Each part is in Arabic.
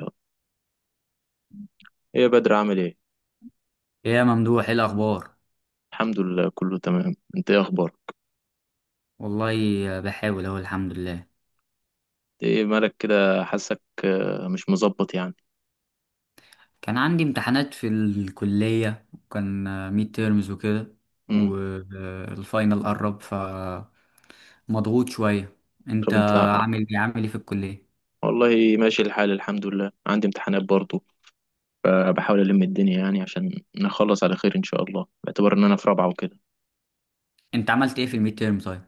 ايه يا بدر، عامل ايه؟ ايه يا ممدوح، ايه الاخبار؟ الحمد لله، كله تمام. انت ايه اخبارك؟ والله بحاول اهو، الحمد لله. إنت ايه مالك كده؟ حاسك مش مظبط يعني. كان عندي امتحانات في الكلية، وكان ميد تيرمز وكده، امم. والفاينل قرب، ف مضغوط شوية. انت طب انت. عامل ايه؟ عامل ايه في الكلية؟ والله ماشي الحال، الحمد لله. عندي امتحانات برضو. بحاول الم الدنيا يعني، عشان نخلص على خير ان شاء الله، باعتبار ان انا في رابعه وكده. انت عملت ايه في الميد تيرم طيب؟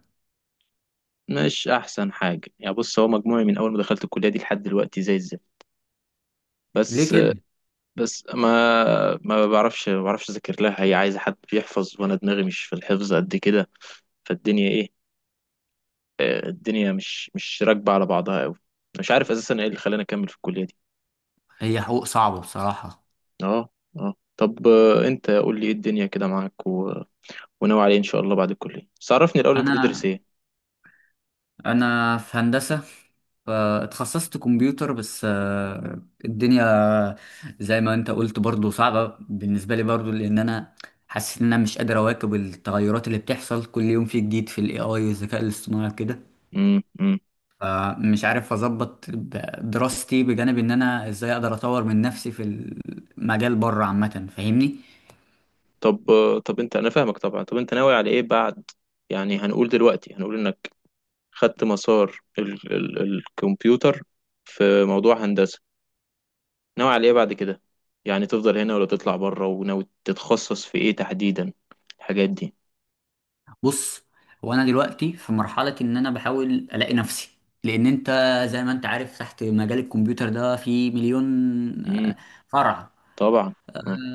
مش احسن حاجه يعني. بص، هو مجموعي من اول ما دخلت الكليه دي لحد دلوقتي زي الزفت. ليه بس. كده؟ بس ما بعرفش اذاكر لها. هي عايزه حد بيحفظ، وانا دماغي مش في الحفظ قد كده. فالدنيا ايه؟ الدنيا مش راكبة على بعضها قوي. مش عارف اساسا ايه اللي خلاني اكمل في الكلية دي. هي حقوق صعبة بصراحة. اه. اه. طب انت قول لي ايه الدنيا كده معاك، و... وناوي عليه ان شاء الله بعد الكلية. بس عرفني الاول، انت بتدرس انا ايه؟ انا في هندسه، فاتخصصت كمبيوتر، بس الدنيا زي ما انت قلت برضو صعبه بالنسبه لي، برضو لان انا حاسس ان انا مش قادر اواكب التغيرات اللي بتحصل كل يوم، في جديد في الاي اي والذكاء الاصطناعي كده. امم، امم. فمش عارف اظبط دراستي، بجانب ان انا ازاي اقدر اطور من نفسي في المجال بره عامه، فاهمني؟ طب انا فاهمك طبعا. طب انت ناوي على ايه بعد؟ يعني هنقول انك خدت مسار الكمبيوتر في موضوع هندسة. ناوي على ايه بعد كده؟ يعني تفضل هنا ولا تطلع بره؟ وناوي تتخصص في ايه تحديدا؟ الحاجات دي؟ بص، هو انا دلوقتي في مرحله ان انا بحاول الاقي نفسي، لان انت زي ما انت عارف تحت مجال الكمبيوتر ده في مليون امم. آه، فرع. طبعا.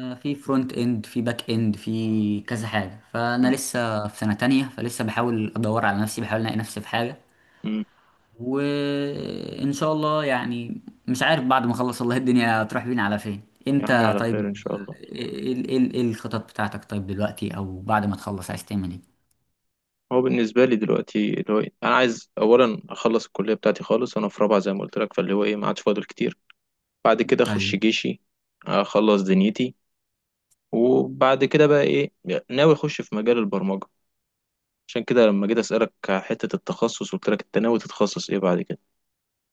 في فرونت اند، في باك اند، في كذا حاجه. فانا مم. لسه في سنه تانية، فلسه بحاول ادور على نفسي، بحاول الاقي نفسي في حاجه. مم. وان شاء الله يعني، مش عارف بعد ما اخلص والله الدنيا هتروح بينا على فين. يا عم، انت على طيب، خير ان شاء الله. ايه إيه الخطط بتاعتك طيب دلوقتي، او بعد ما تخلص عايز تعمل ايه؟ هو بالنسبه لي دلوقتي، اللي هو انا عايز اولا اخلص الكليه بتاعتي خالص. انا في رابعه زي ما قلت لك، فاللي هو ايه، ما عادش فاضل كتير. بعد كده اخش ايوه. جيشي. اخلص دنيتي. وبعد كده بقى ايه؟ ناوي اخش في مجال البرمجه. عشان كده لما جيت اسالك على حته التخصص، قلت لك انت ناوي تتخصص ايه بعد كده.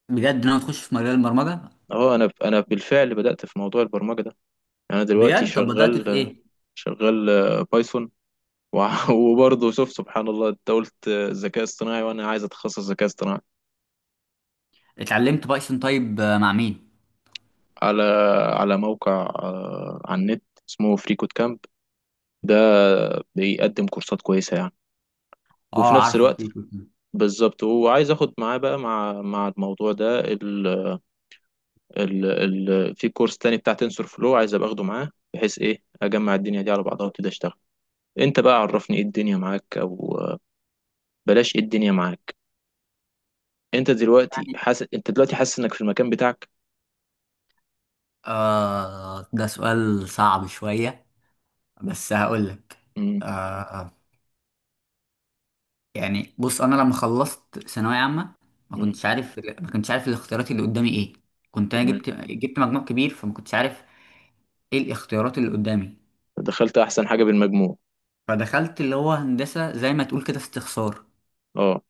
بجد ناوي تخش في مجال البرمجة؟ اهو انا بالفعل بدات في موضوع البرمجه ده. يعني انا دلوقتي بجد؟ طب بدأت في شغال. ايه؟ شغال بايثون. وبرضه شوف سبحان الله، انت قلت ذكاء اصطناعي وانا عايز اتخصص ذكاء اصطناعي. اتعلمت بايثون طيب مع مين؟ على على موقع، على النت اسمه فريكوت كامب. ده بيقدم كورسات كويسة يعني. وفي اه نفس عارفه، الوقت، في كتير. بالظبط. وعايز اخد معاه بقى، مع الموضوع ده ال ال ال في كورس تاني بتاع تنسور فلو. عايز ابقى اخده معاه بحيث ايه اجمع الدنيا دي على بعضها وابتدي اشتغل. انت بقى عرفني، ايه الدنيا معاك، او بلاش ايه الدنيا معاك. يعني انت دلوقتي حاسس انك في المكان بتاعك؟ آه، ده سؤال صعب شوية، بس هقول لك. امم، آه. يعني بص، انا لما خلصت ثانوية عامة امم. ما كنتش عارف الاختيارات اللي قدامي ايه. كنت انا تمام. جبت مجموع كبير، فما كنتش عارف ايه الاختيارات اللي قدامي. دخلت احسن حاجة بالمجموع. فدخلت اللي هو هندسة، زي ما تقول كده استخسار. اه.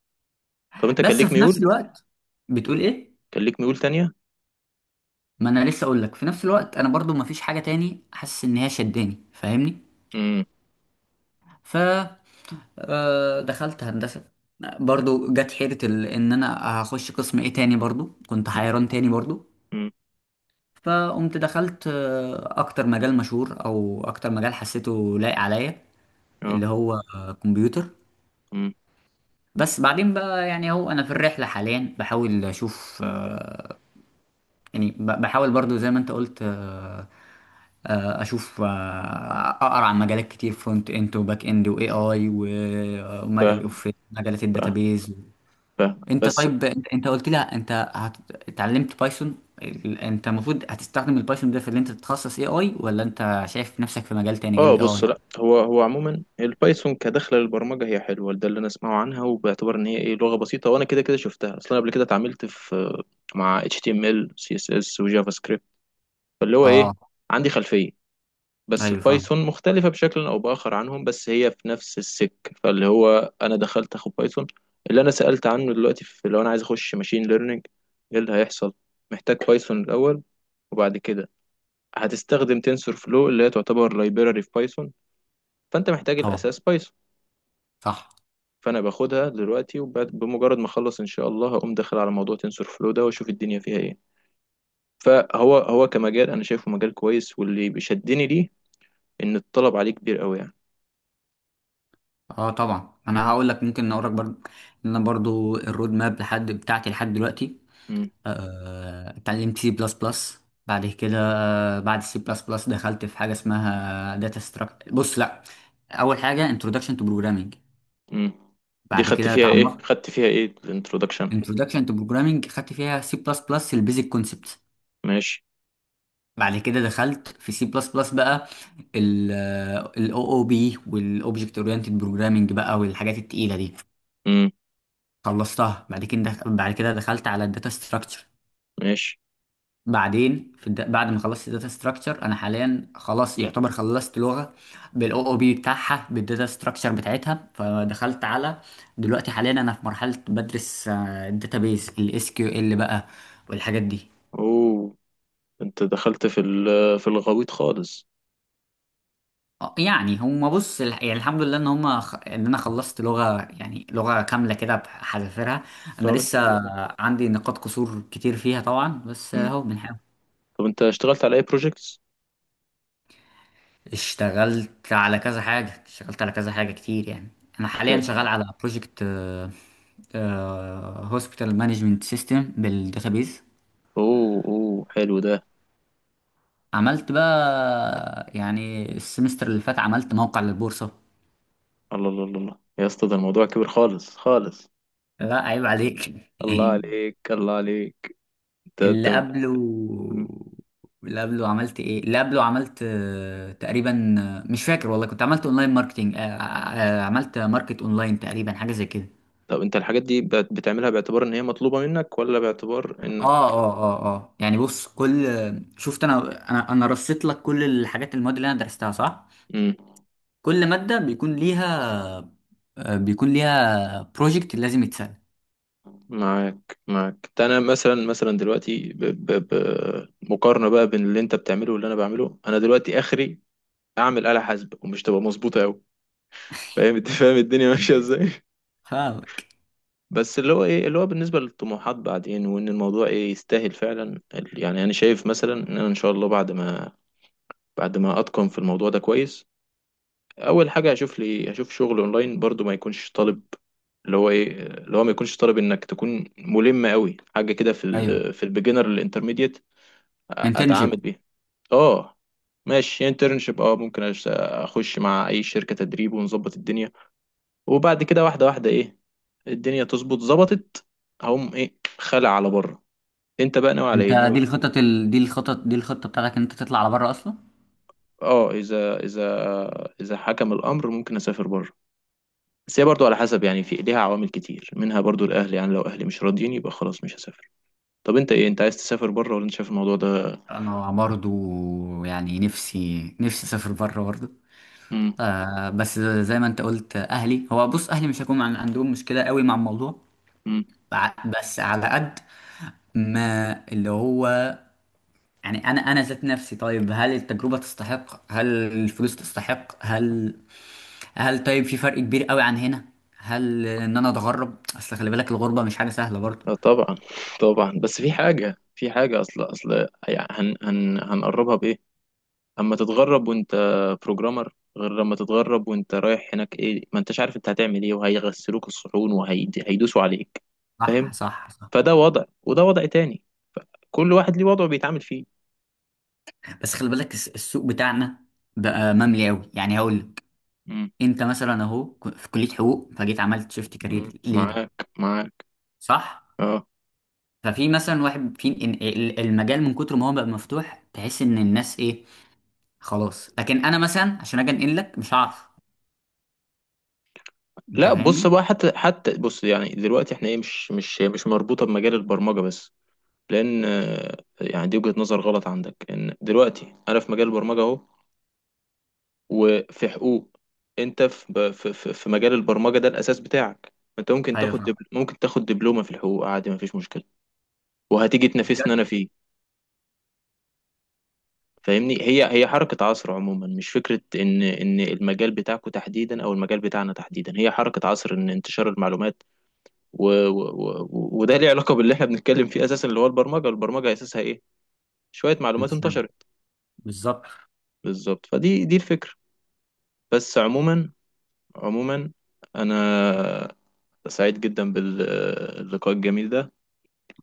طب انت كان بس ليك في نفس ميول؟ الوقت، بتقول ايه؟ كان ليك ميول تانية؟ ما انا لسه اقول لك، في نفس الوقت انا برضو ما فيش حاجه تاني حاسس ان هي شداني، فاهمني؟ امم، ف دخلت هندسه، برضو جت حيره ان انا هخش قسم ايه تاني، برضو كنت امم، حيران تاني برضو. امم. فقمت دخلت اكتر مجال مشهور او اكتر مجال حسيته لايق عليا، اه. اللي هو كمبيوتر. امم. بس بعدين بقى يعني اهو انا في الرحله حاليا بحاول اشوف يعني بحاول برضو زي ما انت قلت، اشوف اقرا عن مجالات كتير، فرونت اند وباك اند واي اي، فاهم. وفي مجالات فاهم، الداتابيز. فاهم، انت بس. طيب، انت قلت لي انت اتعلمت بايثون. انت المفروض هتستخدم البايثون ده في اللي انت تتخصص اي اي، ولا انت شايف نفسك في مجال تاني غير اه، الاي بص، اي؟ لا، هو عموما البايثون كدخله للبرمجه هي حلوه، ده اللي انا اسمعه عنها. وباعتبار ان هي لغه بسيطه، وانا كده كده شفتها اصلا قبل كده، اتعاملت في مع HTML CSS وجافا سكريبت. فاللي هو ايه، اه. عندي خلفيه. بس ايوه فاهم. البايثون مختلفه بشكل او باخر عنهم، بس هي في نفس السك... فاللي هو انا دخلت اخد بايثون. اللي انا سالت عنه دلوقتي، في لو انا عايز اخش ماشين ليرنينج، ايه اللي هيحصل؟ محتاج بايثون الاول. وبعد كده هتستخدم تنسور فلو اللي هي تعتبر لايبراري في بايثون. فانت محتاج طبعا. الاساس بايثون. صح. فانا باخدها دلوقتي. وبمجرد ما اخلص ان شاء الله، هقوم داخل على موضوع تنسور فلو ده، واشوف الدنيا فيها ايه. فهو كمجال انا شايفه مجال كويس، واللي بيشدني ليه ان الطلب عليه كبير قوي يعني. اه طبعا، انا هقول لك، ممكن اقول لك برضو ان انا برضو الرود ماب بتاعتي لحد دلوقتي. امم، اتعلمت سي بلس بلس، بعد كده بعد سي بلس بلس دخلت في حاجه اسمها داتا ستراكشر. بص لا، اول حاجه انتروداكشن تو بروجرامنج، امم. دي بعد خدت كده فيها ايه اتعمقت. خدت فيها ايه الانترودكشن؟ انتروداكشن تو بروجرامنج خدت فيها سي بلس بلس البيزك كونسبت. ماشي. بعد كده دخلت في سي بلس بلس بقى، الاو او بي والاوبجكت اورينتد بروجرامنج بقى، والحاجات التقيله دي امم. خلصتها. بعد كده دخلت على الداتا ستراكشر. ماشي. بعدين في بعد ما خلصت الداتا ستراكشر انا حاليا خلاص يعتبر خلصت لغه بالاو او بي بتاعها، بالداتا ستراكشر بتاعتها. فدخلت على، دلوقتي حاليا انا في مرحله بدرس الداتابيز، الاس كيو ال بقى والحاجات دي. اوه. انت دخلت في الغويط خالص. يعني هما بص يعني الحمد لله ان ان انا خلصت لغه، يعني لغه كامله كده بحذافيرها. انا طب لسه الحمد لله. عندي نقاط قصور كتير فيها طبعا، بس امم. اهو بنحاول. طب انت اشتغلت على اي بروجكتس؟ اشتغلت على كذا حاجة، اشتغلت على كذا حاجة كتير يعني. أنا حاليا شغال على بروجكت هوسبيتال مانجمنت سيستم بالداتابيز. اوه، اوه، حلو ده. عملت بقى يعني السمستر اللي فات عملت موقع للبورصة. الله، الله، الله، الله. يا اسطى، ده الموضوع كبير خالص خالص. لا عيب عليك. الله عليك، الله عليك. انت اللي انت قبله، مم. اللي قبله عملت ايه؟ اللي قبله عملت تقريبا، مش فاكر والله، كنت عملت اونلاين ماركتينج، عملت ماركت اونلاين تقريبا، حاجة زي كده. طب انت الحاجات دي بتعملها باعتبار ان هي مطلوبة منك، ولا باعتبار انك... اه يعني بص، شفت انا، انا رصيت لك كل الحاجات، المواد اللي انا درستها صح؟ مم. كل ماده بيكون ليها بيكون ليها بروجكت لازم يتسال. معاك، معاك ده. انا مثلا دلوقتي مقارنة بقى بين اللي انت بتعمله واللي انا بعمله، انا دلوقتي اخري اعمل آلة حاسبة ومش تبقى مظبوطة قوي. فاهم؟ انت فاهم الدنيا ماشية ازاي؟ فاهمك. بس اللي هو ايه، اللي هو بالنسبة للطموحات بعدين، وان الموضوع ايه يستاهل فعلا يعني انا شايف مثلا ان انا ان شاء الله بعد ما بعد ما اتقن في الموضوع ده كويس، اول حاجة هشوف شغل اونلاين برضو، ما يكونش طالب. اللي هو ايه، اللي هو ما يكونش طالب انك تكون ملم قوي حاجة كده، ايوه، في البيجنر الانترميديت انترنشيب. اتعامل بيها. اه. ماشي انترنشيب، اه، ممكن اخش مع اي شركة تدريب ونظبط الدنيا. وبعد كده واحدة واحدة ايه، الدنيا تظبط ظبطت، هقوم ايه خلع على بره. انت بقى ناوي على انت ايه؟ ناوي... دي دي دي الخطه بتاعتك ان انت تطلع على بره اصلا؟ اه، اذا حكم الامر ممكن اسافر بره. بس هي برضو على حسب يعني، في ليها عوامل كتير، منها برضو الاهل. يعني لو اهلي مش راضيين يبقى خلاص مش هسافر. طب انت ايه، انت عايز تسافر بره ولا انت شايف الموضوع ده؟ انا برضو يعني نفسي اسافر بره برضو. امم، آه بس زي ما انت قلت، اهلي هو بص اهلي مش هيكون عندهم مشكله قوي مع الموضوع. امم. بس على قد ما اللي هو، يعني انا انا ذات نفسي طيب، هل التجربه تستحق؟ هل الفلوس تستحق؟ هل طيب في فرق كبير قوي عن هنا؟ هل ان انا اتغرب، اصل خلي بالك الغربه مش حاجه سهله برضه. لا طبعا. طبعا، بس في حاجة اصل اصل يعني، هن هن هنقربها بايه؟ اما تتغرب وانت بروجرامر، غير لما تتغرب وانت رايح هناك ايه، ما انتش عارف انت هتعمل ايه، وهيغسلوك الصحون وهيدوسوا عليك. فاهم. صح. فده وضع، وده وضع تاني. كل واحد ليه وضعه بيتعامل فيه. بس خلي بالك، السوق بتاعنا بقى مملي قوي، يعني هقول لك. مم. انت مثلا اهو، في كليه حقوق، فجيت عملت شيفت مم. كارير ليه؟ معاك، معاك. صح. اه. ففي مثلا واحد في المجال، من كتر ما هو بقى مفتوح تحس ان الناس ايه، خلاص. لكن انا مثلا عشان اجي انقل لك مش هعرف، انت لا، بص فاهمني. بقى، حتى حتى بص يعني، دلوقتي احنا ايه، مش مربوطه بمجال البرمجه بس. لان يعني دي وجهة نظر غلط عندك، لان دلوقتي انا في مجال البرمجه اهو، وفي حقوق. انت في مجال البرمجه ده الاساس بتاعك. انت ايوه فاهم. ممكن تاخد دبلومه في الحقوق عادي، مفيش مشكله. وهتيجي تنافسني بجد. انا فيه. فاهمني، هي حركه عصر عموما، مش فكره ان المجال بتاعكو تحديدا او المجال بتاعنا تحديدا. هي حركه عصر ان انتشار المعلومات و... و... وده ليه علاقه باللي احنا بنتكلم فيه اساسا. اللي هو البرمجه، البرمجه اساسها ايه؟ شويه انت معلومات شايف. انتشرت. بالظبط. بالظبط، دي الفكره. بس عموما، عموما، انا سعيد جدا باللقاء الجميل ده.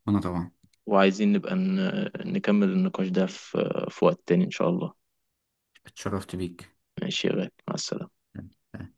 وانا طبعا. وعايزين نبقى نكمل النقاش ده في وقت تاني إن شاء الله. اتشرفت بيك. ماشي يا غالي، مع السلامة.